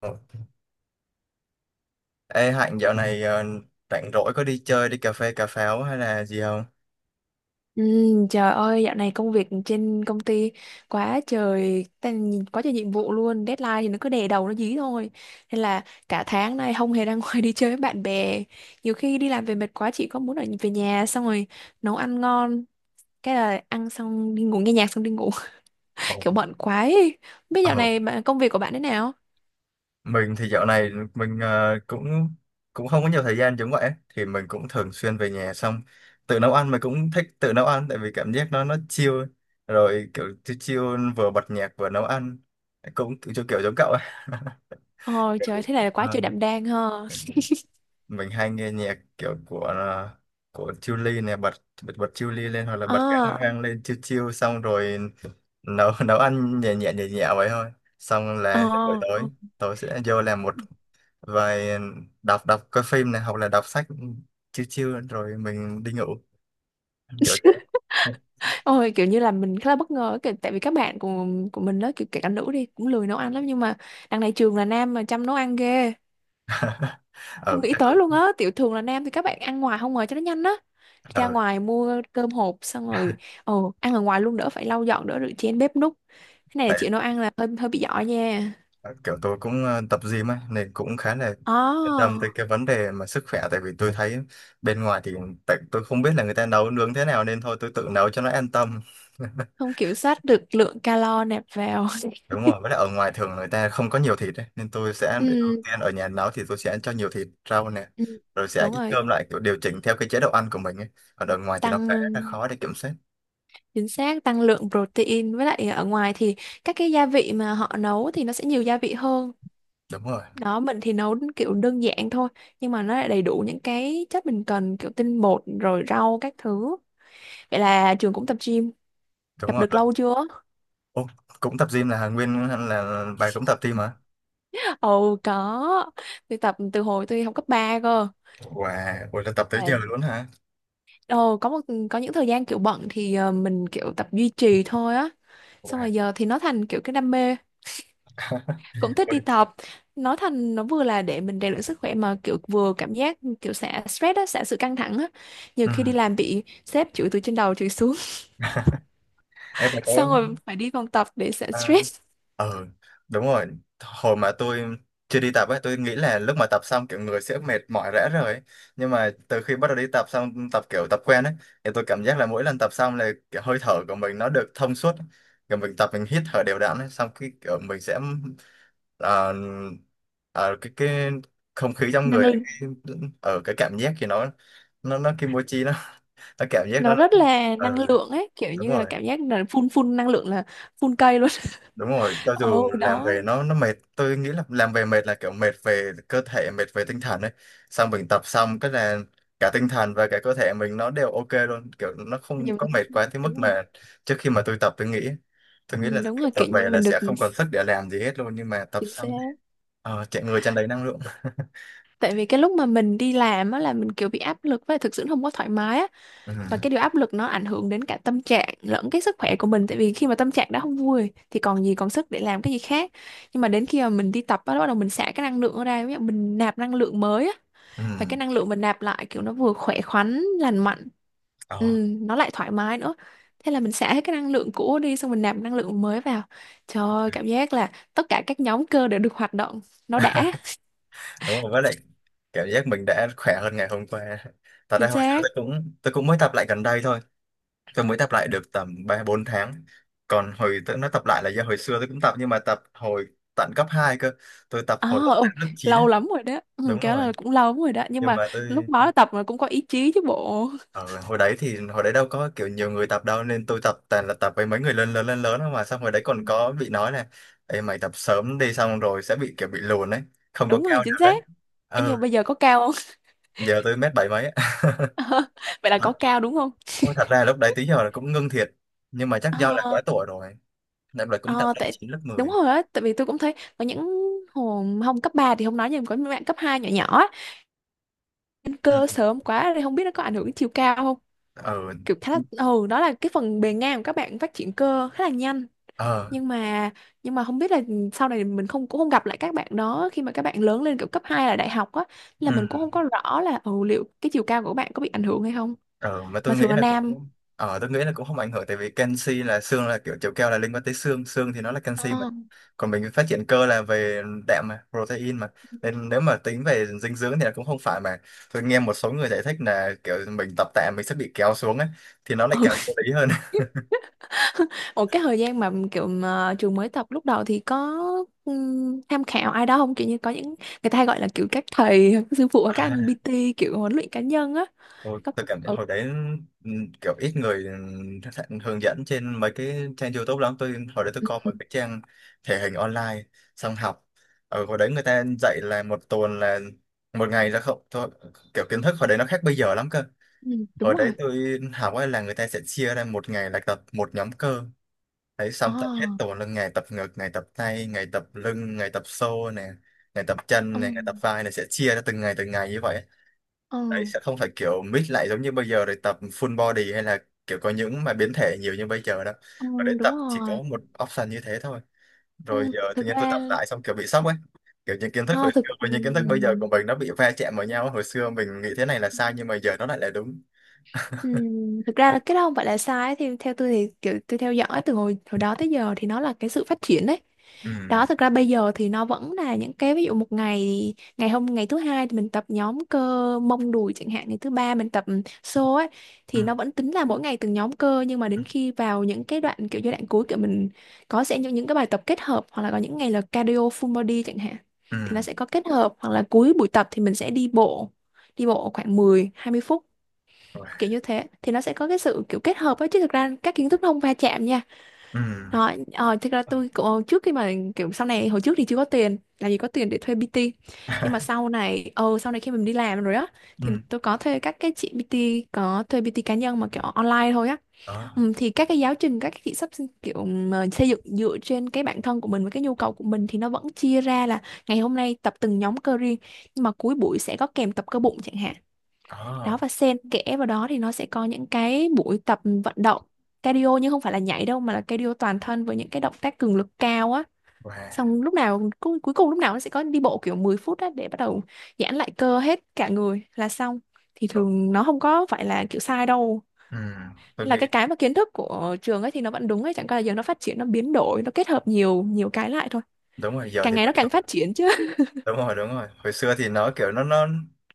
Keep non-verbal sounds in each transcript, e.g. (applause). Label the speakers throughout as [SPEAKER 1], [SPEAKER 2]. [SPEAKER 1] Ờ. Ê Hạnh, dạo này rảnh rỗi có đi chơi đi cà phê cà pháo hay là gì không?
[SPEAKER 2] Ừ, trời ơi, dạo này công việc trên công ty quá trời, nhìn quá trời nhiệm vụ luôn, deadline thì nó cứ đè đầu nó dí thôi. Nên là cả tháng nay không hề ra (laughs) ngoài đi chơi với bạn bè. Nhiều khi đi làm về mệt quá chị có muốn ở về nhà xong rồi nấu ăn ngon, cái là ăn xong đi ngủ nghe nhạc xong đi ngủ,
[SPEAKER 1] Ờ,
[SPEAKER 2] (laughs) kiểu bận quá ấy. Không biết dạo
[SPEAKER 1] Ờ,
[SPEAKER 2] này công việc của bạn thế nào?
[SPEAKER 1] mình thì dạo này mình cũng cũng không có nhiều thời gian. Giống vậy thì mình cũng thường xuyên về nhà, xong tự nấu ăn. Mình cũng thích tự nấu ăn tại vì cảm giác nó chill, rồi kiểu chill chill, vừa bật nhạc vừa nấu ăn, cũng kiểu kiểu giống cậu ấy. (laughs)
[SPEAKER 2] Ôi trời,
[SPEAKER 1] kiểu-
[SPEAKER 2] thế này là quá
[SPEAKER 1] Ờ,
[SPEAKER 2] trời đảm đang ha. (laughs)
[SPEAKER 1] mình hay nghe nhạc kiểu của Chillies nè, bật bật bật Chillies lên, hoặc là bật các
[SPEAKER 2] Ờ,
[SPEAKER 1] hoang lên chill chill, xong rồi nấu nấu ăn nhẹ nhẹ nhẹ nhẹ vậy thôi. Xong là buổi
[SPEAKER 2] ờ.
[SPEAKER 1] tối, tối sẽ vô làm một vài, đọc đọc coi phim này hoặc là đọc sách, chiêu chiêu rồi mình đi ngủ kiểu thế.
[SPEAKER 2] Ôi kiểu như là mình khá là bất ngờ kiểu, tại vì các bạn của mình đó kiểu kể cả nữ đi cũng lười nấu ăn lắm, nhưng mà đằng này trường là nam mà chăm nấu ăn ghê,
[SPEAKER 1] (laughs)
[SPEAKER 2] không
[SPEAKER 1] Ừ,
[SPEAKER 2] nghĩ
[SPEAKER 1] chắc
[SPEAKER 2] tới
[SPEAKER 1] cũng
[SPEAKER 2] luôn á, tiểu thường là nam thì các bạn ăn ngoài không ngờ cho nó nhanh á, ra
[SPEAKER 1] ừ,
[SPEAKER 2] ngoài mua cơm hộp xong rồi ồ ăn ở ngoài luôn, đỡ phải lau dọn đỡ rửa chén bếp núc, cái này là
[SPEAKER 1] tại
[SPEAKER 2] chịu nấu ăn là hơi hơi bị giỏi nha.
[SPEAKER 1] kiểu tôi cũng tập gym ấy nên cũng khá là
[SPEAKER 2] Ồ,
[SPEAKER 1] yên tâm tới cái vấn đề mà sức khỏe. Tại vì tôi thấy bên ngoài thì, tại tôi không biết là người ta nấu nướng thế nào nên thôi tôi tự nấu cho nó an tâm. (laughs)
[SPEAKER 2] không kiểm soát được lượng calo nạp vào.
[SPEAKER 1] Đúng rồi, với lại ở ngoài thường người ta không có nhiều thịt ấy. Nên tôi
[SPEAKER 2] (laughs)
[SPEAKER 1] sẽ ưu
[SPEAKER 2] Ừ,
[SPEAKER 1] tiên ở nhà nấu, thì tôi sẽ cho nhiều thịt rau nè,
[SPEAKER 2] ừ,
[SPEAKER 1] rồi sẽ
[SPEAKER 2] đúng
[SPEAKER 1] ít
[SPEAKER 2] rồi,
[SPEAKER 1] cơm lại, kiểu điều chỉnh theo cái chế độ ăn của mình ấy. Còn ở ngoài thì nó
[SPEAKER 2] tăng,
[SPEAKER 1] khá là khó để kiểm soát.
[SPEAKER 2] chính xác, tăng lượng protein. Với lại ở ngoài thì các cái gia vị mà họ nấu thì nó sẽ nhiều gia vị hơn.
[SPEAKER 1] Đúng rồi,
[SPEAKER 2] Đó mình thì nấu kiểu đơn giản thôi, nhưng mà nó lại đầy đủ những cái chất mình cần, kiểu tinh bột rồi rau các thứ. Vậy là trường cũng tập gym,
[SPEAKER 1] đúng
[SPEAKER 2] tập
[SPEAKER 1] rồi.
[SPEAKER 2] được lâu chưa?
[SPEAKER 1] Ô, cũng tập gym, là nguyên là bà cũng tập gym hả?
[SPEAKER 2] (laughs) Ồ có, tôi tập từ hồi tôi học cấp 3 cơ.
[SPEAKER 1] Wow, ôi là tập tới
[SPEAKER 2] Là
[SPEAKER 1] giờ luôn hả?
[SPEAKER 2] ồ có những thời gian kiểu bận thì mình kiểu tập duy trì thôi á. Xong
[SPEAKER 1] Wow.
[SPEAKER 2] rồi giờ thì nó thành kiểu cái đam mê,
[SPEAKER 1] (laughs)
[SPEAKER 2] cũng thích
[SPEAKER 1] Ôi,
[SPEAKER 2] đi tập. Nói thành nó vừa là để mình rèn luyện sức khỏe mà kiểu vừa cảm giác kiểu xả stress á, xả sự căng thẳng á. Nhiều
[SPEAKER 1] ừ.
[SPEAKER 2] khi đi làm bị sếp chửi từ trên đầu chửi xuống,
[SPEAKER 1] Em bà
[SPEAKER 2] (laughs)
[SPEAKER 1] có
[SPEAKER 2] xong rồi phải đi phòng tập để xả
[SPEAKER 1] à?
[SPEAKER 2] stress.
[SPEAKER 1] Ờ, Đúng rồi. Hồi mà tôi chưa đi tập ấy, tôi nghĩ là lúc mà tập xong kiểu người sẽ mệt mỏi rã rời ấy. Nhưng mà từ khi bắt đầu đi tập xong, tập kiểu tập quen ấy, thì tôi cảm giác là mỗi lần tập xong là kiểu hơi thở của mình nó được thông suốt. Kiểu mình tập mình hít thở đều đặn ấy, xong cái kiểu mình sẽ ờ, cái không khí trong
[SPEAKER 2] Năng
[SPEAKER 1] người này
[SPEAKER 2] lượng,
[SPEAKER 1] cái, ở cái cảm giác thì nó kimochi nó (laughs) nó cảm giác
[SPEAKER 2] nó
[SPEAKER 1] nó
[SPEAKER 2] rất là năng
[SPEAKER 1] ừ,
[SPEAKER 2] lượng ấy, kiểu
[SPEAKER 1] đúng
[SPEAKER 2] như là
[SPEAKER 1] rồi
[SPEAKER 2] cảm giác là phun phun năng lượng là phun cây luôn.
[SPEAKER 1] đúng rồi.
[SPEAKER 2] (laughs)
[SPEAKER 1] Cho dù
[SPEAKER 2] Ồ
[SPEAKER 1] làm
[SPEAKER 2] đó,
[SPEAKER 1] về nó mệt, tôi nghĩ là làm về mệt là kiểu mệt về cơ thể, mệt về tinh thần ấy. Xong mình tập xong cái là cả tinh thần và cả cơ thể mình nó đều ok luôn, kiểu nó không
[SPEAKER 2] Nhiều-
[SPEAKER 1] có mệt quá tới mức
[SPEAKER 2] đúng rồi,
[SPEAKER 1] mà trước khi mà tôi tập tôi nghĩ, tôi nghĩ
[SPEAKER 2] ừ,
[SPEAKER 1] là
[SPEAKER 2] đúng
[SPEAKER 1] kiểu
[SPEAKER 2] rồi, kiểu
[SPEAKER 1] tập
[SPEAKER 2] như
[SPEAKER 1] về là
[SPEAKER 2] mình được,
[SPEAKER 1] sẽ không còn sức để làm gì hết luôn, nhưng mà tập
[SPEAKER 2] chính xác.
[SPEAKER 1] xong thì chạy người tràn đầy năng lượng. (laughs)
[SPEAKER 2] Tại vì cái lúc mà mình đi làm á là mình kiểu bị áp lực và thực sự không có thoải mái á,
[SPEAKER 1] Ừ,
[SPEAKER 2] và cái điều áp lực nó ảnh hưởng đến cả tâm trạng lẫn cái sức khỏe của mình, tại vì khi mà tâm trạng đã không vui thì còn gì còn sức để làm cái gì khác. Nhưng mà đến khi mà mình đi tập á, bắt đầu mình xả cái năng lượng ra, ví dụ mình nạp năng lượng mới á, và cái
[SPEAKER 1] ừ,
[SPEAKER 2] năng lượng mình nạp lại kiểu nó vừa khỏe khoắn, lành mạnh, ừ,
[SPEAKER 1] ờ,
[SPEAKER 2] nó lại thoải mái nữa. Thế là mình xả hết cái năng lượng cũ đi xong mình nạp năng lượng mới vào, trời ơi cảm giác là tất cả các nhóm cơ đều được hoạt động, nó đã,
[SPEAKER 1] đúng rồi, với lại cảm giác mình đã khỏe hơn ngày hôm qua. Thật ra
[SPEAKER 2] chính
[SPEAKER 1] hồi sáng
[SPEAKER 2] xác.
[SPEAKER 1] tôi cũng, tôi cũng mới tập lại gần đây thôi. Tôi mới tập lại được tầm 3 4 tháng. Còn hồi tôi nó tập lại là do hồi xưa tôi cũng tập, nhưng mà tập hồi tận cấp 2 cơ. Tôi tập
[SPEAKER 2] À,
[SPEAKER 1] hồi lớp
[SPEAKER 2] ừ,
[SPEAKER 1] 8 lớp 9 á.
[SPEAKER 2] lâu lắm rồi đó, ừ,
[SPEAKER 1] Đúng
[SPEAKER 2] kéo
[SPEAKER 1] rồi.
[SPEAKER 2] là cũng lâu lắm rồi đó, nhưng
[SPEAKER 1] Nhưng
[SPEAKER 2] mà
[SPEAKER 1] mà
[SPEAKER 2] lúc
[SPEAKER 1] tôi
[SPEAKER 2] đó tập mà cũng có ý chí chứ bộ.
[SPEAKER 1] ở hồi đấy, thì hồi đấy đâu có kiểu nhiều người tập đâu, nên tôi tập toàn là tập với mấy người lớn lớn lớn lớn thôi. Mà xong hồi đấy
[SPEAKER 2] Ừ,
[SPEAKER 1] còn có bị nói là "Ê mày tập sớm đi xong rồi sẽ bị kiểu bị lùn ấy, không có
[SPEAKER 2] đúng rồi,
[SPEAKER 1] cao
[SPEAKER 2] chính
[SPEAKER 1] được đấy."
[SPEAKER 2] xác. Ê,
[SPEAKER 1] Ờ,
[SPEAKER 2] nhưng mà bây giờ có cao không?
[SPEAKER 1] Giờ tôi mét bảy mấy á.
[SPEAKER 2] (laughs) Vậy
[SPEAKER 1] (laughs)
[SPEAKER 2] là
[SPEAKER 1] Thật,
[SPEAKER 2] có cao đúng không?
[SPEAKER 1] ôi, thật ra lúc đấy tí giờ là cũng ngưng thiệt, nhưng mà chắc do là
[SPEAKER 2] Ờ,
[SPEAKER 1] quá tuổi rồi. Nên là cũng tập
[SPEAKER 2] ờ,
[SPEAKER 1] lớp
[SPEAKER 2] tại
[SPEAKER 1] chín lớp
[SPEAKER 2] đúng
[SPEAKER 1] 10.
[SPEAKER 2] rồi á, tại vì tôi cũng thấy có những hồi không cấp 3 thì không nói, nhưng mà có những bạn cấp 2 nhỏ nhỏ á, lên
[SPEAKER 1] Ừ.
[SPEAKER 2] cơ sớm quá thì không biết nó có ảnh hưởng đến chiều cao không,
[SPEAKER 1] Ờ,
[SPEAKER 2] kiểu khá là, ừ đó là cái phần bề ngang của các bạn phát triển cơ khá là nhanh,
[SPEAKER 1] ờ
[SPEAKER 2] nhưng mà không biết là ừ, sau này mình không cũng không gặp lại các bạn đó khi mà các bạn lớn lên kiểu cấp 2 là đại học á, là mình
[SPEAKER 1] ừ.
[SPEAKER 2] cũng không có rõ là ừ, liệu cái chiều cao của các bạn có bị ảnh hưởng hay không,
[SPEAKER 1] ờ mà
[SPEAKER 2] mà
[SPEAKER 1] tôi nghĩ
[SPEAKER 2] thường là
[SPEAKER 1] là
[SPEAKER 2] nam.
[SPEAKER 1] cũng ờ tôi nghĩ là cũng không ảnh hưởng, tại vì canxi là xương là kiểu chiều cao là liên quan tới xương, xương thì nó là canxi mà.
[SPEAKER 2] Ờ.
[SPEAKER 1] Còn mình phát triển cơ là về đạm mà, protein mà, nên nếu mà tính về dinh dưỡng thì là cũng không phải mà. Tôi nghe một số người giải thích là kiểu mình tập tạ mình sẽ bị kéo xuống ấy, thì nó lại
[SPEAKER 2] Ừ.
[SPEAKER 1] càng vô lý hơn.
[SPEAKER 2] (laughs) Ủa cái thời gian mà kiểu mà trường mới tập lúc đầu thì có tham khảo ai đó không, kiểu như có những người ta hay gọi là kiểu các thầy (laughs) các sư phụ hoặc các anh
[SPEAKER 1] (laughs)
[SPEAKER 2] PT, kiểu huấn luyện cá nhân á?
[SPEAKER 1] Ôi,
[SPEAKER 2] Có,
[SPEAKER 1] tôi cảm thấy
[SPEAKER 2] ừ.
[SPEAKER 1] hồi đấy kiểu ít người, hướng dẫn trên mấy cái trang YouTube lắm. Tôi hồi đấy, tôi
[SPEAKER 2] Ừ.
[SPEAKER 1] coi một
[SPEAKER 2] Ừ,
[SPEAKER 1] cái trang thể hình online. Xong học, ở hồi đấy người ta dạy là một tuần là một ngày là không thôi. Kiểu kiến thức hồi đấy nó khác bây giờ lắm cơ.
[SPEAKER 2] ừ, đúng
[SPEAKER 1] Hồi đấy
[SPEAKER 2] rồi,
[SPEAKER 1] tôi học ấy là người ta sẽ chia ra một ngày là tập một nhóm cơ, đấy
[SPEAKER 2] ờ,
[SPEAKER 1] xong tập hết tuần là ngày tập ngực, ngày tập tay, ngày tập lưng, ngày tập xô nè, ngày tập chân
[SPEAKER 2] ừ.
[SPEAKER 1] này, ngày tập vai này, sẽ chia ra từng ngày như vậy.
[SPEAKER 2] Ừ.
[SPEAKER 1] Đấy sẽ không phải kiểu mix lại giống như bây giờ để tập full body, hay là kiểu có những mà biến thể nhiều như bây giờ đâu.
[SPEAKER 2] Ừ,
[SPEAKER 1] Và để
[SPEAKER 2] đúng
[SPEAKER 1] tập chỉ có
[SPEAKER 2] rồi.
[SPEAKER 1] một option như thế thôi. Rồi
[SPEAKER 2] Ừ,
[SPEAKER 1] giờ tự
[SPEAKER 2] thực
[SPEAKER 1] nhiên tôi
[SPEAKER 2] ra
[SPEAKER 1] tập lại xong kiểu bị sốc ấy, kiểu những kiến thức hồi
[SPEAKER 2] Ho,
[SPEAKER 1] xưa
[SPEAKER 2] thực ừ,
[SPEAKER 1] với những kiến thức bây giờ của mình nó bị va chạm vào nhau. Hồi xưa mình nghĩ thế này là sai nhưng mà giờ nó lại là đúng.
[SPEAKER 2] ừm, thực ra là cái đó không phải là sai ấy. Thì theo tôi thì kiểu tôi theo dõi từ hồi hồi đó tới giờ thì nó là cái sự phát triển đấy.
[SPEAKER 1] Ừ.
[SPEAKER 2] Đó thực ra bây giờ thì nó vẫn là những cái, ví dụ một ngày, ngày hôm ngày thứ hai thì mình tập nhóm cơ mông đùi chẳng hạn, ngày thứ ba mình tập xô ấy,
[SPEAKER 1] Ừ.
[SPEAKER 2] thì nó vẫn tính là mỗi ngày từng nhóm cơ, nhưng mà
[SPEAKER 1] Ừ.
[SPEAKER 2] đến khi vào những cái đoạn kiểu giai đoạn cuối kiểu mình có sẽ những cái bài tập kết hợp, hoặc là có những ngày là cardio full body chẳng hạn,
[SPEAKER 1] Ừ.
[SPEAKER 2] thì nó sẽ có kết hợp, hoặc là cuối buổi tập thì mình sẽ đi bộ, đi bộ khoảng mười hai mươi phút,
[SPEAKER 1] Rồi.
[SPEAKER 2] kiểu như thế thì nó sẽ có cái sự kiểu kết hợp ấy, chứ thực ra các kiến thức nó không va chạm nha.
[SPEAKER 1] Ừ.
[SPEAKER 2] Rồi ờ, thực ra tôi cũng trước khi mà kiểu sau này, hồi trước thì chưa có tiền, làm gì có tiền để thuê PT, nhưng mà
[SPEAKER 1] (laughs)
[SPEAKER 2] sau này sau này khi mình đi làm rồi á,
[SPEAKER 1] Ừ,
[SPEAKER 2] thì tôi có thuê các cái chị PT, có thuê PT cá nhân mà kiểu online thôi á.
[SPEAKER 1] đó,
[SPEAKER 2] Ừ, thì các cái giáo trình các cái chị sắp, kiểu mà xây dựng dựa trên cái bản thân của mình với cái nhu cầu của mình, thì nó vẫn chia ra là ngày hôm nay tập từng nhóm cơ riêng, nhưng mà cuối buổi sẽ có kèm tập cơ bụng chẳng hạn.
[SPEAKER 1] đó.
[SPEAKER 2] Đó và xen kẽ vào đó thì nó sẽ có những cái buổi tập vận động cardio, nhưng không phải là nhảy đâu, mà là cardio toàn thân với những cái động tác cường lực cao á,
[SPEAKER 1] Wow.
[SPEAKER 2] xong lúc nào cuối cùng lúc nào nó sẽ có đi bộ kiểu 10 phút á để bắt đầu giãn lại cơ hết cả người là xong, thì
[SPEAKER 1] Ờ,
[SPEAKER 2] thường nó không có phải là kiểu sai đâu.
[SPEAKER 1] ừ, tôi
[SPEAKER 2] Nên là
[SPEAKER 1] nghĩ
[SPEAKER 2] cái mà kiến thức của trường ấy thì nó vẫn đúng ấy, chẳng qua là giờ nó phát triển nó biến đổi nó kết hợp nhiều nhiều cái lại thôi,
[SPEAKER 1] đúng rồi giờ
[SPEAKER 2] càng
[SPEAKER 1] thì
[SPEAKER 2] ngày nó càng phát triển chứ.
[SPEAKER 1] đúng rồi, đúng rồi. Hồi xưa thì nó kiểu nó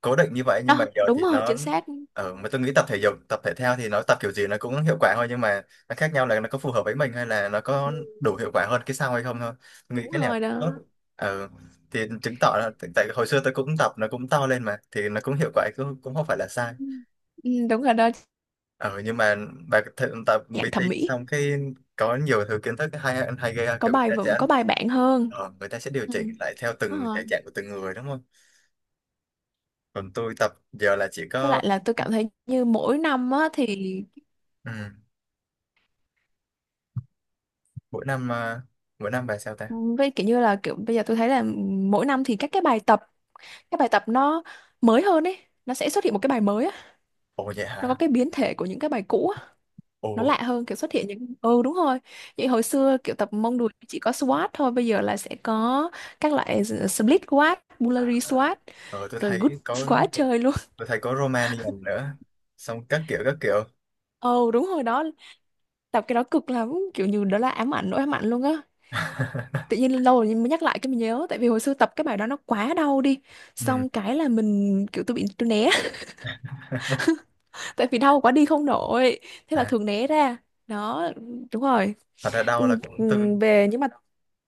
[SPEAKER 1] cố định như vậy,
[SPEAKER 2] (laughs)
[SPEAKER 1] nhưng mà
[SPEAKER 2] Đó
[SPEAKER 1] giờ
[SPEAKER 2] đúng
[SPEAKER 1] thì
[SPEAKER 2] rồi,
[SPEAKER 1] nó.
[SPEAKER 2] chính xác.
[SPEAKER 1] Ở mà tôi nghĩ tập thể dục tập thể thao thì nó tập kiểu gì nó cũng hiệu quả thôi, nhưng mà nó khác nhau là nó có phù hợp với mình hay là nó
[SPEAKER 2] Ừ,
[SPEAKER 1] có đủ hiệu quả hơn cái sau hay không thôi. Tôi nghĩ
[SPEAKER 2] đúng
[SPEAKER 1] cái nào
[SPEAKER 2] rồi
[SPEAKER 1] tốt
[SPEAKER 2] đó.
[SPEAKER 1] ừ. Thì chứng tỏ là tại tại hồi xưa tôi cũng tập nó cũng to lên mà, thì nó cũng hiệu quả, cũng không phải là sai.
[SPEAKER 2] Ừ, ừ, đúng rồi đó,
[SPEAKER 1] Ừ, nhưng mà bà tập
[SPEAKER 2] dạng
[SPEAKER 1] PT
[SPEAKER 2] thẩm mỹ
[SPEAKER 1] xong cái có nhiều thứ kiến thức hay hay ghê,
[SPEAKER 2] có
[SPEAKER 1] kiểu người
[SPEAKER 2] bài
[SPEAKER 1] ta
[SPEAKER 2] vựng,
[SPEAKER 1] sẽ
[SPEAKER 2] có bài bản hơn.
[SPEAKER 1] người ta sẽ điều
[SPEAKER 2] Ừ.
[SPEAKER 1] chỉnh lại theo
[SPEAKER 2] Đúng
[SPEAKER 1] từng
[SPEAKER 2] rồi.
[SPEAKER 1] thể trạng của từng người đúng không? Còn tôi tập giờ là chỉ
[SPEAKER 2] Với
[SPEAKER 1] có
[SPEAKER 2] lại là tôi cảm thấy như mỗi năm á thì,
[SPEAKER 1] ừ, mỗi năm à, mỗi năm bài sao ta.
[SPEAKER 2] với kiểu như là kiểu bây giờ tôi thấy là mỗi năm thì các cái bài tập, các bài tập nó mới hơn ấy, nó sẽ xuất hiện một cái bài mới á,
[SPEAKER 1] Ồ vậy
[SPEAKER 2] nó có
[SPEAKER 1] hả?
[SPEAKER 2] cái biến thể của những cái bài cũ á,
[SPEAKER 1] Ồ.
[SPEAKER 2] nó lạ hơn, kiểu xuất hiện những, ừ đúng rồi. Vậy hồi xưa kiểu tập mông đùi chỉ có squat thôi, bây giờ là sẽ có các loại split squat, Bulgarian squat,
[SPEAKER 1] ờ tôi
[SPEAKER 2] rồi good
[SPEAKER 1] thấy có,
[SPEAKER 2] squat (laughs) chơi luôn.
[SPEAKER 1] tôi thấy có Romanian nữa, xong các kiểu, các kiểu.
[SPEAKER 2] Ừ đúng rồi đó, tập cái đó cực lắm, kiểu như đó là ám ảnh, nỗi ám ảnh luôn á. Tự
[SPEAKER 1] (laughs)
[SPEAKER 2] nhiên lâu rồi mới nhắc lại cái mình nhớ, tại vì hồi xưa tập cái bài đó nó quá đau đi,
[SPEAKER 1] Ừ.
[SPEAKER 2] xong cái là mình kiểu tôi bị tôi né, (laughs) tại vì đau quá đi không nổi, thế là
[SPEAKER 1] À,
[SPEAKER 2] thường né ra. Đó đúng rồi.
[SPEAKER 1] thật ra đau là
[SPEAKER 2] Ừ,
[SPEAKER 1] cũng
[SPEAKER 2] ừ,
[SPEAKER 1] tôi
[SPEAKER 2] về nhưng mà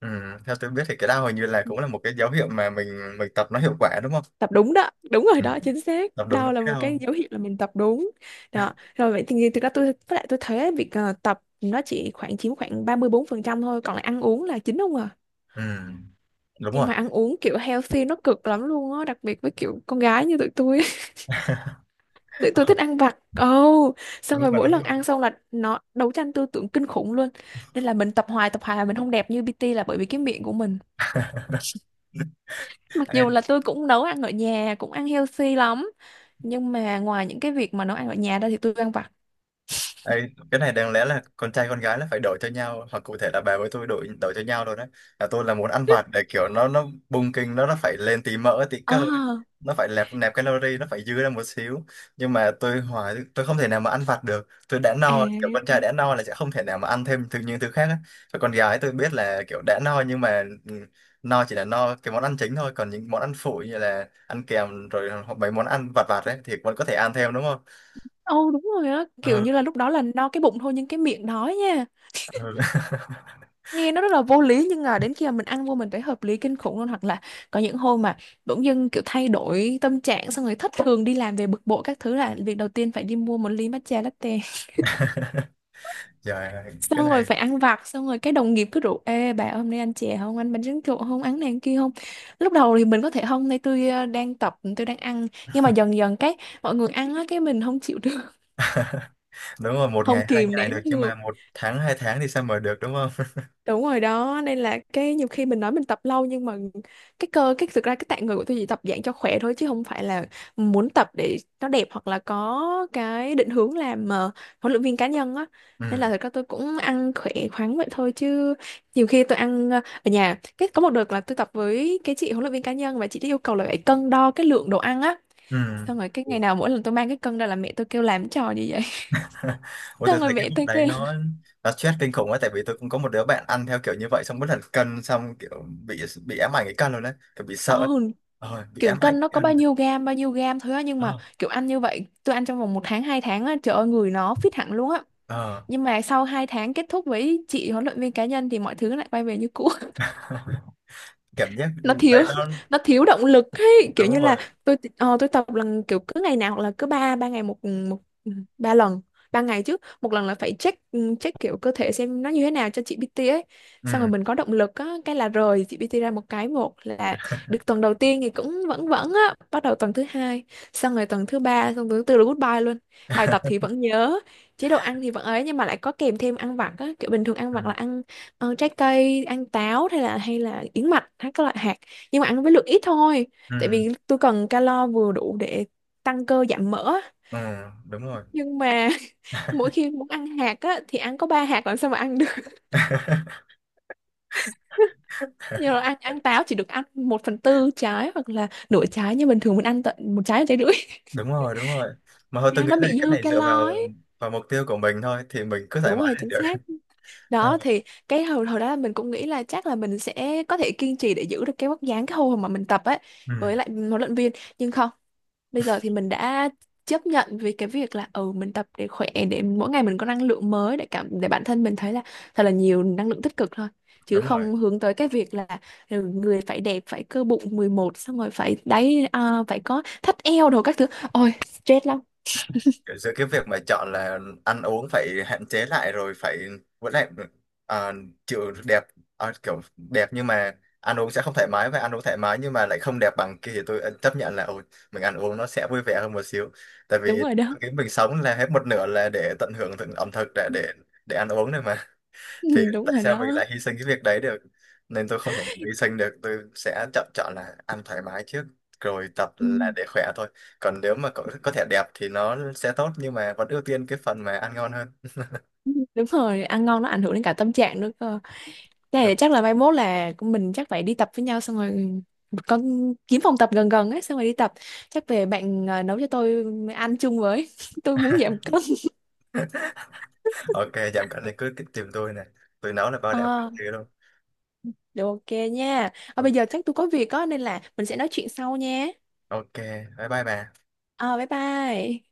[SPEAKER 1] ừ. Theo tôi biết thì cái đau hình như là cũng là một cái dấu hiệu mà mình tập nó hiệu quả đúng không?
[SPEAKER 2] tập đúng đó, đúng rồi
[SPEAKER 1] Ừ,
[SPEAKER 2] đó, chính xác,
[SPEAKER 1] tập đúng nó
[SPEAKER 2] đau là
[SPEAKER 1] cái
[SPEAKER 2] một
[SPEAKER 1] đau.
[SPEAKER 2] cái dấu hiệu là mình tập đúng. Đó
[SPEAKER 1] (laughs)
[SPEAKER 2] rồi vậy thì thực ra tôi với lại tôi thấy việc tập nó chỉ khoảng chiếm khoảng 34% thôi, còn lại ăn uống là chính không à.
[SPEAKER 1] Ừ. Đúng
[SPEAKER 2] Nhưng
[SPEAKER 1] rồi.
[SPEAKER 2] mà ăn uống kiểu healthy nó cực lắm luôn á, đặc biệt với kiểu con gái như tụi tôi. (laughs) Tụi tôi thích
[SPEAKER 1] (laughs)
[SPEAKER 2] ăn vặt, ồ xong
[SPEAKER 1] Đúng
[SPEAKER 2] rồi
[SPEAKER 1] rồi,
[SPEAKER 2] mỗi
[SPEAKER 1] đúng
[SPEAKER 2] lần
[SPEAKER 1] rồi.
[SPEAKER 2] ăn xong là nó đấu tranh tư tưởng kinh khủng luôn. Nên là mình tập hoài là mình không đẹp như PT là bởi vì cái miệng của mình, mặc
[SPEAKER 1] Ê,
[SPEAKER 2] dù là tôi cũng nấu ăn ở nhà cũng ăn healthy lắm, nhưng mà ngoài những cái việc mà nấu ăn ở nhà ra thì tôi ăn vặt.
[SPEAKER 1] ê, cái này đáng lẽ là con trai con gái là phải đổi cho nhau, hoặc cụ thể là bà với tôi đổi đổi cho nhau rồi đấy. Là tôi là muốn ăn vặt để kiểu nó bung kinh, nó phải lên tí mỡ tí cơ ấy.
[SPEAKER 2] À,
[SPEAKER 1] Nó phải nẹp nẹp calorie, nó phải dư ra một xíu. Nhưng mà tôi hỏi tôi không thể nào mà ăn vặt được, tôi đã no. Kiểu con
[SPEAKER 2] à,
[SPEAKER 1] trai đã no là sẽ không thể nào mà ăn thêm những thứ khác ấy. Còn con gái tôi biết là kiểu đã no, nhưng mà ừ, no chỉ là no cái món ăn chính thôi, còn những món ăn phụ như là ăn kèm rồi hoặc mấy món ăn vặt vặt ấy thì vẫn có thể ăn thêm đúng không?
[SPEAKER 2] ồ đúng rồi á, kiểu
[SPEAKER 1] Ừ,
[SPEAKER 2] như là lúc đó là no cái bụng thôi nhưng cái miệng đói nha.
[SPEAKER 1] ừ.
[SPEAKER 2] Nghe nó rất là vô lý nhưng mà đến khi mà mình ăn vô mình thấy hợp lý kinh khủng luôn. Hoặc là có những hôm mà bỗng dưng kiểu thay đổi tâm trạng xong rồi thất thường, đi làm về bực bội các thứ là việc đầu tiên phải đi mua một ly matcha latte,
[SPEAKER 1] (laughs) Trời ơi, cái
[SPEAKER 2] xong rồi
[SPEAKER 1] này
[SPEAKER 2] phải ăn vặt. Xong rồi đồng nghiệp cứ rủ: "Ê bà, hôm nay ăn chè không, ăn bánh tráng trộn không, ăn này ăn kia không?" Lúc đầu thì mình có thể không, nay tôi đang tập, tôi đang ăn. Nhưng mà dần dần mọi người ăn á, mình không chịu được.
[SPEAKER 1] đúng rồi,
[SPEAKER 2] (laughs)
[SPEAKER 1] một
[SPEAKER 2] Không
[SPEAKER 1] ngày hai
[SPEAKER 2] kìm
[SPEAKER 1] ngày được
[SPEAKER 2] nén
[SPEAKER 1] nhưng
[SPEAKER 2] được.
[SPEAKER 1] mà một tháng hai tháng thì sao mà được đúng không? (laughs)
[SPEAKER 2] Đúng rồi đó, nên là nhiều khi mình nói mình tập lâu nhưng mà cái cơ cái thực ra cái tạng người của tôi chỉ tập dạng cho khỏe thôi chứ không phải là muốn tập để nó đẹp, hoặc là có cái định hướng làm huấn luyện viên cá nhân á.
[SPEAKER 1] Ừ.
[SPEAKER 2] Nên là thật ra tôi cũng ăn khỏe khoắn vậy thôi, chứ nhiều khi tôi ăn ở nhà. Cái có một đợt là tôi tập với cái chị huấn luyện viên cá nhân, và chị ấy yêu cầu là phải cân đo cái lượng đồ ăn á.
[SPEAKER 1] Ừ.
[SPEAKER 2] Xong rồi ngày nào mỗi lần tôi mang cái cân ra là mẹ tôi kêu làm cái trò gì vậy.
[SPEAKER 1] (laughs)
[SPEAKER 2] (laughs)
[SPEAKER 1] Ủa
[SPEAKER 2] Xong
[SPEAKER 1] tôi
[SPEAKER 2] rồi
[SPEAKER 1] thấy cái
[SPEAKER 2] mẹ
[SPEAKER 1] lúc
[SPEAKER 2] tôi
[SPEAKER 1] đấy
[SPEAKER 2] kêu
[SPEAKER 1] nó
[SPEAKER 2] là
[SPEAKER 1] nó stress kinh khủng ấy. Tại vì tôi cũng có một đứa bạn ăn theo kiểu như vậy xong bất hẳn cân, xong kiểu bị ám ảnh cái cân luôn đấy, kiểu bị sợ ấy.
[SPEAKER 2] "Ồ,
[SPEAKER 1] Ờ, bị
[SPEAKER 2] kiểu
[SPEAKER 1] ám ảnh
[SPEAKER 2] cân
[SPEAKER 1] cái
[SPEAKER 2] nó có
[SPEAKER 1] cân.
[SPEAKER 2] bao nhiêu gam thôi á." Nhưng mà
[SPEAKER 1] Ờ.
[SPEAKER 2] kiểu ăn như vậy, tôi ăn trong vòng một tháng hai tháng á, trời ơi người nó fit hẳn luôn á.
[SPEAKER 1] Ờ.
[SPEAKER 2] Nhưng mà sau hai tháng kết thúc với chị huấn luyện viên cá nhân thì mọi thứ lại quay về như cũ.
[SPEAKER 1] (laughs) Cảm giác
[SPEAKER 2] Nó
[SPEAKER 1] đấy
[SPEAKER 2] thiếu
[SPEAKER 1] nó
[SPEAKER 2] (laughs) nó thiếu động lực ấy, kiểu
[SPEAKER 1] đúng
[SPEAKER 2] như là
[SPEAKER 1] rồi.
[SPEAKER 2] tôi tôi tập lần kiểu cứ ngày nào, hoặc là cứ ba ba ngày một một ba lần ba ngày chứ một lần là phải check, check kiểu cơ thể xem nó như thế nào cho chị PT ấy, xong rồi
[SPEAKER 1] Ừ.
[SPEAKER 2] mình có động lực á. Cái là rời chị PT ra một cái, một là được tuần đầu tiên thì cũng vẫn vẫn á, bắt đầu tuần thứ hai, xong rồi tuần thứ ba, xong tuần thứ tư là goodbye luôn. Bài tập thì vẫn nhớ, chế độ ăn thì vẫn ấy, nhưng mà lại có kèm thêm ăn vặt á. Kiểu bình thường ăn
[SPEAKER 1] Ừ.
[SPEAKER 2] vặt là ăn trái cây, ăn táo, hay là yến mạch, hay các loại hạt, nhưng mà ăn với lượng ít thôi.
[SPEAKER 1] Ừ.
[SPEAKER 2] Tại vì tôi cần calo vừa đủ để tăng cơ giảm mỡ á.
[SPEAKER 1] Ừ. Đúng rồi.
[SPEAKER 2] Nhưng mà (laughs) mỗi khi muốn ăn hạt á thì ăn có ba hạt làm sao mà ăn được.
[SPEAKER 1] (laughs)
[SPEAKER 2] (laughs) Nhưng mà ăn ăn táo chỉ được ăn một phần tư trái hoặc là nửa trái, như bình thường mình ăn tận một trái, một trái rưỡi. (laughs)
[SPEAKER 1] Đúng rồi, đúng rồi, mà thôi
[SPEAKER 2] Thế
[SPEAKER 1] tôi
[SPEAKER 2] nên
[SPEAKER 1] nghĩ
[SPEAKER 2] nó
[SPEAKER 1] là
[SPEAKER 2] bị
[SPEAKER 1] cái
[SPEAKER 2] dư
[SPEAKER 1] này dựa vào
[SPEAKER 2] calo ấy.
[SPEAKER 1] vào mục tiêu của mình thôi, thì mình cứ thoải
[SPEAKER 2] Đúng
[SPEAKER 1] mái
[SPEAKER 2] rồi,
[SPEAKER 1] là
[SPEAKER 2] chính
[SPEAKER 1] được.
[SPEAKER 2] xác. Đó
[SPEAKER 1] (laughs)
[SPEAKER 2] thì cái hồi hồi đó là mình cũng nghĩ là chắc là mình sẽ có thể kiên trì để giữ được cái vóc dáng cái hồi mà mình tập ấy,
[SPEAKER 1] Ừ,
[SPEAKER 2] với lại huấn luyện viên. Nhưng không, bây giờ thì mình đã chấp nhận với cái việc là, ừ, mình tập để khỏe, để mỗi ngày mình có năng lượng mới, để cảm để bản thân mình thấy là thật là nhiều năng lượng tích cực thôi, chứ
[SPEAKER 1] đúng rồi.
[SPEAKER 2] không hướng tới cái việc là, ừ, người phải đẹp, phải cơ bụng 11, xong rồi phải đáy à, phải có thắt eo đồ các thứ. Ôi stress lắm.
[SPEAKER 1] Giữa cái việc mà chọn là ăn uống phải hạn chế lại rồi phải, vẫn lại, ờ, chịu đẹp, kiểu đẹp nhưng mà ăn uống sẽ không thoải mái, và ăn uống thoải mái nhưng mà lại không đẹp bằng kia, thì tôi chấp nhận là ôi, mình ăn uống nó sẽ vui vẻ hơn một xíu. Tại
[SPEAKER 2] Đúng
[SPEAKER 1] vì
[SPEAKER 2] rồi đó.
[SPEAKER 1] cái mình sống là hết một nửa là để tận hưởng ẩm thực,
[SPEAKER 2] (laughs)
[SPEAKER 1] để ăn uống này mà.
[SPEAKER 2] Ừ,
[SPEAKER 1] Thì
[SPEAKER 2] đúng
[SPEAKER 1] tại
[SPEAKER 2] rồi
[SPEAKER 1] sao mình
[SPEAKER 2] đó.
[SPEAKER 1] lại hy sinh cái việc đấy được, nên tôi không thể nào hy sinh được. Tôi sẽ chọn, chọn là ăn thoải mái trước, rồi tập
[SPEAKER 2] Ừ.
[SPEAKER 1] là để khỏe thôi. Còn nếu mà có thể đẹp thì nó sẽ tốt, nhưng mà vẫn ưu tiên cái phần mà ăn ngon hơn.
[SPEAKER 2] (laughs) Đúng rồi, ăn ngon nó ảnh hưởng đến cả tâm trạng nữa cơ. Thế là
[SPEAKER 1] Được,
[SPEAKER 2] chắc là mai mốt là mình chắc phải đi tập với nhau, xong rồi con kiếm phòng tập gần gần ấy xong rồi đi tập, chắc về bạn nấu cho tôi ăn chung với. (laughs) Tôi muốn giảm cân.
[SPEAKER 1] ok, giảm cân thì cứ cứ tìm tôi này, tôi nấu là bao đẹp
[SPEAKER 2] Ờ,
[SPEAKER 1] chứ luôn.
[SPEAKER 2] được, ok nha. Ờ, bây giờ chắc tôi có việc á nên là mình sẽ nói chuyện sau nha.
[SPEAKER 1] Ok, bye bye bà.
[SPEAKER 2] Ờ, bye bye.